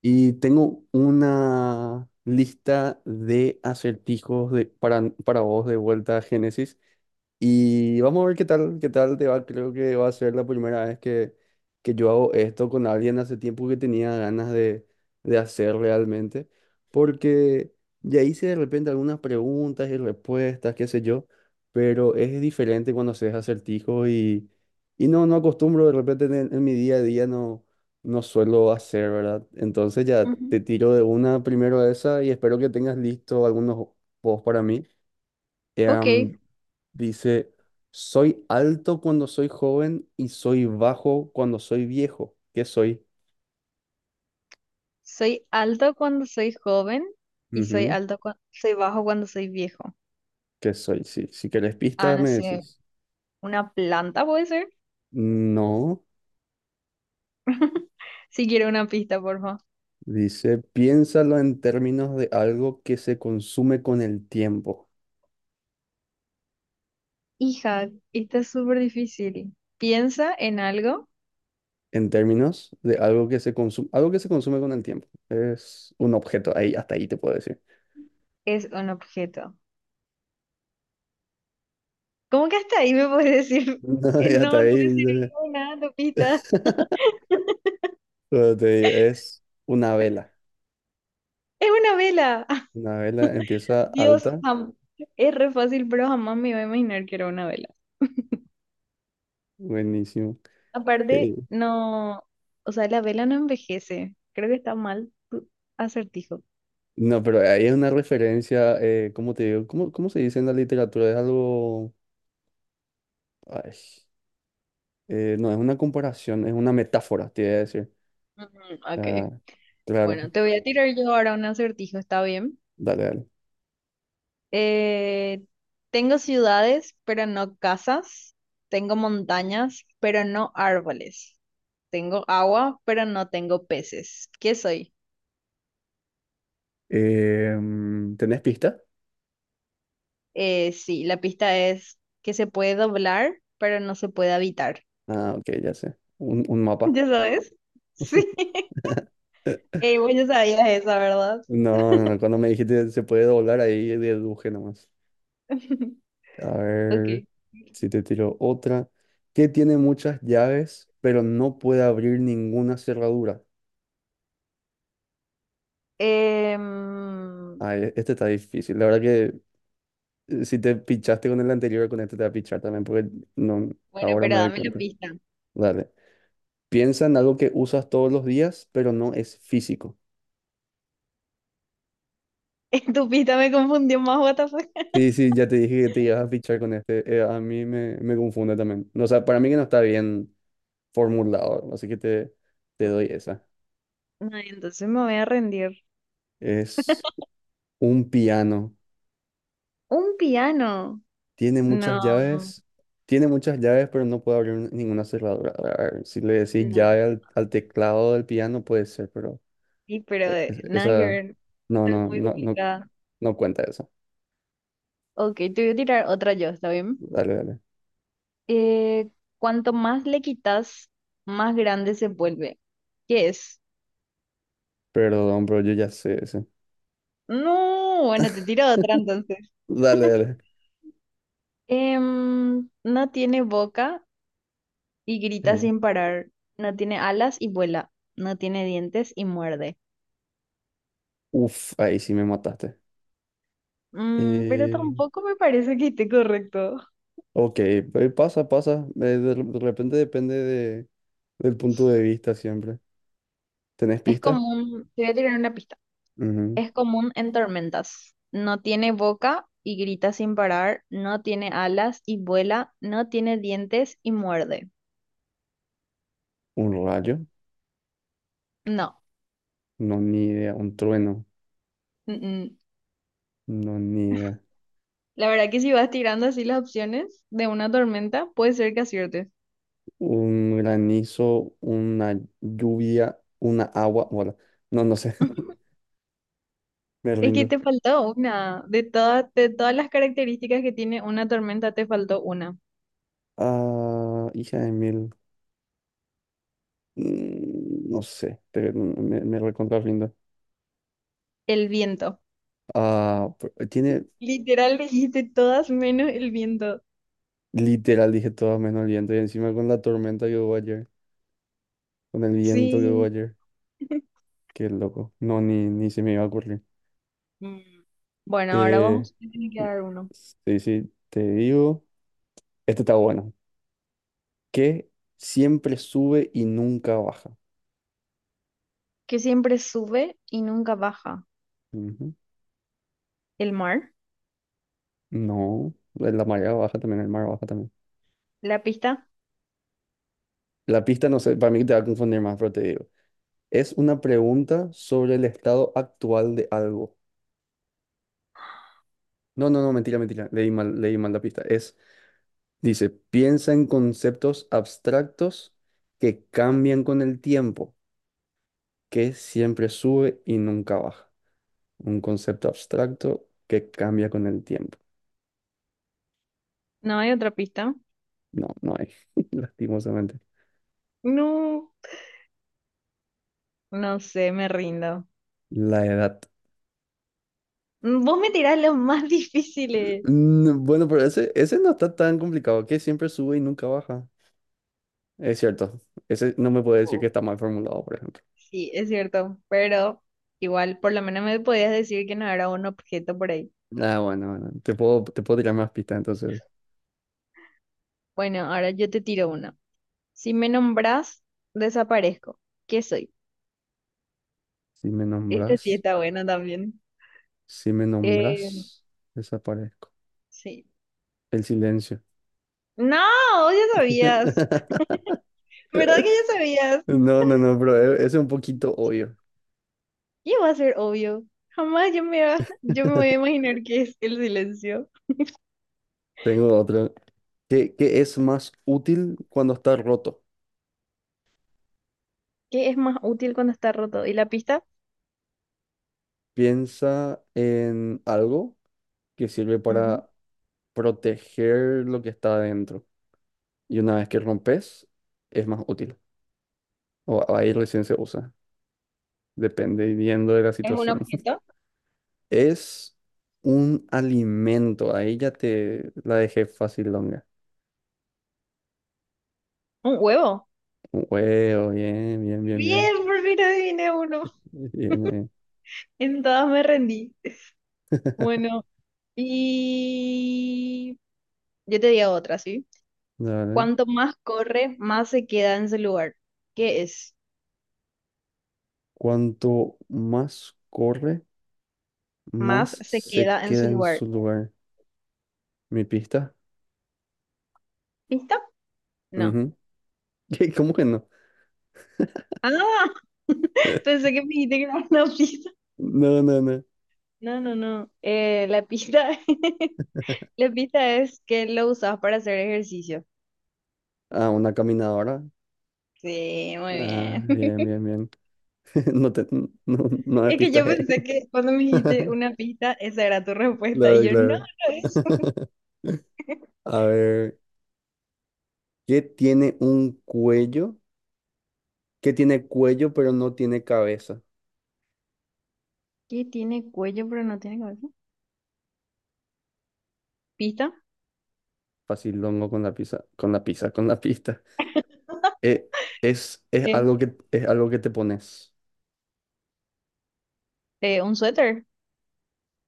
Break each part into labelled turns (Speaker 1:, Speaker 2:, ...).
Speaker 1: Y tengo una lista de acertijos para vos de vuelta a Génesis. Y vamos a ver qué tal te va. Creo que va a ser la primera vez que yo hago esto con alguien, hace tiempo que tenía ganas de hacer realmente. Porque ya hice de repente algunas preguntas y respuestas, qué sé yo. Pero es diferente cuando haces acertijos, no acostumbro de repente en mi día a día, no suelo hacer, ¿verdad? Entonces ya te
Speaker 2: Ujú.
Speaker 1: tiro de una, primero a esa, y espero que tengas listo algunos posts para mí.
Speaker 2: Ok,
Speaker 1: Em, Dice: soy alto cuando soy joven y soy bajo cuando soy viejo. ¿Qué soy?
Speaker 2: soy alto cuando soy joven y
Speaker 1: Ujú.
Speaker 2: soy bajo cuando soy viejo.
Speaker 1: ¿Qué soy? Sí, si querés
Speaker 2: Ah,
Speaker 1: pistas
Speaker 2: no
Speaker 1: me
Speaker 2: sé,
Speaker 1: decís.
Speaker 2: una planta puede ser.
Speaker 1: No,
Speaker 2: Si quiero una pista, por favor.
Speaker 1: dice, piénsalo en términos de algo que se consume con el tiempo.
Speaker 2: Hija, está es súper difícil. Piensa en algo,
Speaker 1: En términos de algo que se consume, algo que se consume con el tiempo. Es un objeto, ahí, hasta ahí te puedo decir.
Speaker 2: es un objeto. ¿Cómo que hasta ahí me puedes decir?
Speaker 1: No, ya está
Speaker 2: No, no me
Speaker 1: ahí.
Speaker 2: sirvió
Speaker 1: Ya.
Speaker 2: nada tu pista.
Speaker 1: Como te digo, es una vela.
Speaker 2: Es una vela.
Speaker 1: Una vela empieza
Speaker 2: Dios,
Speaker 1: alta.
Speaker 2: es re fácil, pero jamás me iba a imaginar que era una vela.
Speaker 1: Buenísimo.
Speaker 2: Aparte,
Speaker 1: Eh,
Speaker 2: no, o sea, la vela no envejece. Creo que está mal tu acertijo.
Speaker 1: no, pero ahí es una referencia, ¿cómo te digo? ¿Cómo, cómo se dice en la literatura? Es algo... ay, no, es una comparación, es una metáfora, te iba a decir.
Speaker 2: Mm, ok,
Speaker 1: Ah, claro,
Speaker 2: bueno, te voy a tirar yo ahora un acertijo, ¿está bien?
Speaker 1: dale, dale.
Speaker 2: Eh, Tengo ciudades, pero no casas. Tengo montañas, pero no árboles. Tengo agua, pero no tengo peces. ¿Qué soy?
Speaker 1: ¿Tenés pista?
Speaker 2: Sí, la pista es que se puede doblar, pero no se puede habitar.
Speaker 1: Ah, ok, ya sé. Un mapa.
Speaker 2: ¿Ya sabes? Sí. Ey, vos ya sabías esa, ¿verdad?
Speaker 1: No, no, no, cuando me dijiste se puede doblar ahí, deduje nomás. A
Speaker 2: Ok.
Speaker 1: ver si te tiro otra. Que tiene muchas llaves, pero no puede abrir ninguna cerradura.
Speaker 2: Em,
Speaker 1: Ay, este está difícil. La verdad que si te pichaste con el anterior, con este te va a pichar también, porque no,
Speaker 2: Bueno,
Speaker 1: ahora
Speaker 2: pero
Speaker 1: me doy
Speaker 2: dame la
Speaker 1: cuenta.
Speaker 2: pista.
Speaker 1: Dale. Piensa en algo que usas todos los días, pero no es físico.
Speaker 2: Tu pista me confundió más, what the fuck.
Speaker 1: Sí, sí, ya te dije que te ibas a pichar con este. A mí me confunde también. No, o sea, para mí que no está bien formulado, así que te doy esa.
Speaker 2: No, entonces me voy a rendir.
Speaker 1: Es un piano.
Speaker 2: Un piano.
Speaker 1: Tiene muchas
Speaker 2: No,
Speaker 1: llaves. Tiene muchas llaves, pero no puede abrir ninguna cerradura. A ver, si le decís
Speaker 2: no,
Speaker 1: llave al teclado del piano, puede ser, pero
Speaker 2: sí, pero nada que
Speaker 1: esa.
Speaker 2: ver.
Speaker 1: No,
Speaker 2: Está
Speaker 1: no,
Speaker 2: muy
Speaker 1: no, no,
Speaker 2: complicada.
Speaker 1: no cuenta eso.
Speaker 2: Ok, te voy a tirar otra yo, ¿está bien?
Speaker 1: Dale, dale.
Speaker 2: Eh, Cuanto más le quitas, más grande se vuelve. ¿Qué es?
Speaker 1: Perdón, bro, yo ya sé eso.
Speaker 2: No, bueno, te tiro otra entonces.
Speaker 1: Dale, dale.
Speaker 2: No tiene boca, y grita
Speaker 1: Eh,
Speaker 2: sin parar. No tiene alas y vuela. No tiene dientes y muerde.
Speaker 1: uf, ahí sí me mataste.
Speaker 2: Mm, pero
Speaker 1: Eh,
Speaker 2: tampoco me parece que esté correcto.
Speaker 1: ok, pasa, pasa. De repente depende del punto de vista siempre. ¿Tenés
Speaker 2: Es
Speaker 1: pista?
Speaker 2: común, te voy a tirar una pista.
Speaker 1: Ujú.
Speaker 2: Es común en tormentas. No tiene boca y grita sin parar. No tiene alas y vuela. No tiene dientes y muerde.
Speaker 1: ¿Un rayo?
Speaker 2: No.
Speaker 1: No, ni idea. ¿Un trueno?
Speaker 2: mm, mm.
Speaker 1: No, ni idea.
Speaker 2: La verdad que si vas tirando así las opciones de una tormenta, puede ser que aciertes.
Speaker 1: Un granizo, una lluvia, una agua. Bueno, no, no sé. Me
Speaker 2: Es que
Speaker 1: rindo.
Speaker 2: te faltó una. De todas las características que tiene una tormenta, te faltó una.
Speaker 1: Ah, hija de mil. Mm, no sé. Me recontra rindo.
Speaker 2: El viento.
Speaker 1: Ah, tiene
Speaker 2: Literal me dijiste todas menos el viento.
Speaker 1: literal, dije todo menos el viento. Y encima con la tormenta que hubo ayer. Con el viento que hubo
Speaker 2: Sí.
Speaker 1: ayer. Qué loco. No, ni, ni se me iba a ocurrir.
Speaker 2: Mm. Bueno, ahora
Speaker 1: Eh,
Speaker 2: vos me tenés que dar uno.
Speaker 1: sí, sí, te digo. Este está bueno. Que siempre sube y nunca baja.
Speaker 2: Que siempre sube y nunca baja.
Speaker 1: Ujú.
Speaker 2: ¿El mar?
Speaker 1: No, la marea baja también, el mar baja también.
Speaker 2: ¿La pista?
Speaker 1: La pista, no sé, para mí te va a confundir más, pero te digo. Es una pregunta sobre el estado actual de algo. No, no, no, mentira, mentira. Leí mal la pista. Es, dice, piensa en conceptos abstractos que cambian con el tiempo, que siempre sube y nunca baja. Un concepto abstracto que cambia con el tiempo.
Speaker 2: ¿No hay otra pista?
Speaker 1: No, no hay, lastimosamente.
Speaker 2: No. No sé, me rindo.
Speaker 1: La edad.
Speaker 2: Mm, vos me tirás los más difíciles.
Speaker 1: Mm, bueno, pero ese no está tan complicado, que siempre sube y nunca baja. Es cierto, ese no me puede decir que
Speaker 2: Oh.
Speaker 1: está mal formulado, por ejemplo.
Speaker 2: Sí, es cierto, pero igual, por lo menos me podías decir que no era un objeto por ahí.
Speaker 1: Ah, bueno, bueno, te puedo tirar más pistas, entonces.
Speaker 2: Bueno, ahora yo te tiro una. Si me nombrás, desaparezco. ¿Qué soy?
Speaker 1: Si me
Speaker 2: Esta sí
Speaker 1: nombras,
Speaker 2: está buena también.
Speaker 1: si me
Speaker 2: Eh,
Speaker 1: nombras, desaparezco.
Speaker 2: sí.
Speaker 1: El silencio.
Speaker 2: No, ya sabías. ¿Verdad que ya sabías?
Speaker 1: No, no, no, pero ese es un poquito obvio.
Speaker 2: ¿Qué va a ser obvio? Jamás yo me, yo me voy a imaginar qué es el silencio.
Speaker 1: Tengo otro. ¿Qué es más útil cuando está roto?
Speaker 2: ¿Qué es más útil cuando está roto? ¿Y la pista?
Speaker 1: Piensa en algo que sirve
Speaker 2: Ujú.
Speaker 1: para proteger lo que está adentro. Y una vez que rompes, es más útil. O ahí recién se usa, dependiendo de la
Speaker 2: ¿Es un
Speaker 1: situación.
Speaker 2: objeto?
Speaker 1: Es un alimento, ahí ya te la dejé fácil longa.
Speaker 2: ¿Un huevo?
Speaker 1: Un huevo, bien, bien, bien, bien.
Speaker 2: Bien, por fin adiviné uno.
Speaker 1: Bien ahí.
Speaker 2: En todas me rendí. Bueno, y yo te digo otra, ¿sí?
Speaker 1: Dale.
Speaker 2: Cuanto más corre, más se queda en su lugar. ¿Qué es?
Speaker 1: Cuanto más corre,
Speaker 2: Más
Speaker 1: más
Speaker 2: se
Speaker 1: se
Speaker 2: queda en su
Speaker 1: queda en
Speaker 2: lugar.
Speaker 1: su lugar. ¿Mi pista?
Speaker 2: ¿Pista? No.
Speaker 1: Ujú. ¿Cómo que no?
Speaker 2: Ah, pensé que me dijiste que era una pista.
Speaker 1: No, no, no.
Speaker 2: No, no, no. La pista, la pista es que lo usas para hacer ejercicio.
Speaker 1: Ah, una caminadora.
Speaker 2: Sí, muy
Speaker 1: Ah,
Speaker 2: bien.
Speaker 1: bien, bien, bien. No te, no, no me
Speaker 2: Es que yo
Speaker 1: pistaje.
Speaker 2: pensé que cuando me dijiste una pista, esa era tu respuesta. Y
Speaker 1: Claro,
Speaker 2: yo, no,
Speaker 1: claro.
Speaker 2: no es.
Speaker 1: A ver, ¿qué tiene un cuello? ¿Qué tiene cuello pero no tiene cabeza?
Speaker 2: ¿Qué tiene cuello pero no tiene cabeza? ¿Pista?
Speaker 1: Facilongo con la pizza, con la pizza, con la pista. Eh, es
Speaker 2: ¿Qué?
Speaker 1: algo es algo que te pones.
Speaker 2: ¿Un suéter?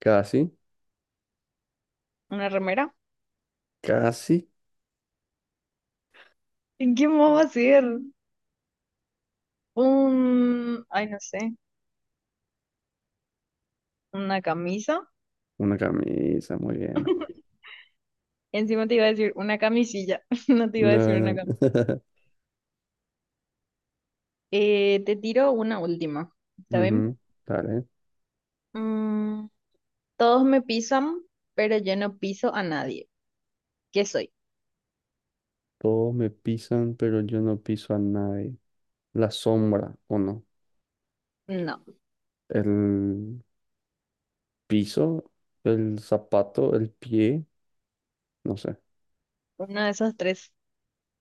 Speaker 1: Casi,
Speaker 2: ¿Una remera?
Speaker 1: casi.
Speaker 2: ¿En qué más va a ser? Un, ay, no sé, una camisa.
Speaker 1: Una camisa, muy bien.
Speaker 2: Encima te iba a decir una camisilla, no te iba a decir una.
Speaker 1: No, no.
Speaker 2: Te tiro una última, ¿está bien?
Speaker 1: Ujú, dale.
Speaker 2: Mm, todos me pisan, pero yo no piso a nadie. ¿Qué soy?
Speaker 1: Todos me pisan, pero yo no piso a nadie. La sombra, ¿o no?
Speaker 2: No,
Speaker 1: El piso, el zapato, el pie, no sé.
Speaker 2: uno de esos tres.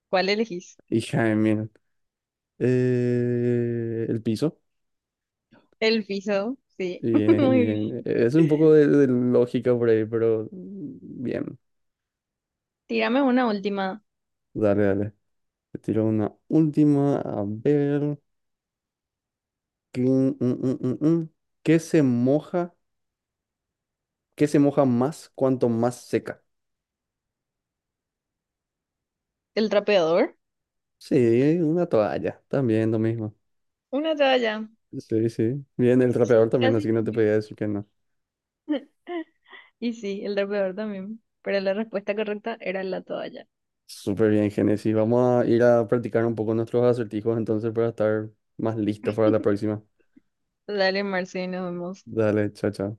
Speaker 2: ¿Cuál elegís?
Speaker 1: Y Jaime, el piso.
Speaker 2: El piso, sí.
Speaker 1: Bien,
Speaker 2: Muy
Speaker 1: bien.
Speaker 2: bien.
Speaker 1: Es un poco de lógica por ahí, pero bien.
Speaker 2: Tírame una última.
Speaker 1: Dale, dale. Te tiro una última. A ver. ¿Qué, mm, mm, mm, mm. ¿Qué se moja? ¿Qué se moja más cuanto más seca?
Speaker 2: ¿El trapeador?
Speaker 1: Sí, una toalla. También lo mismo.
Speaker 2: Una toalla.
Speaker 1: Sí, sí. Bien, el trapeador
Speaker 2: Sí,
Speaker 1: también,
Speaker 2: casi.
Speaker 1: así que no te podía decir que no.
Speaker 2: Y sí, el trapeador también. Pero la respuesta correcta era la toalla.
Speaker 1: Súper bien, Génesis. Vamos a ir a practicar un poco nuestros acertijos entonces para estar más listos para la próxima.
Speaker 2: Dale, Marce, nos vemos.
Speaker 1: Dale, chao, chao.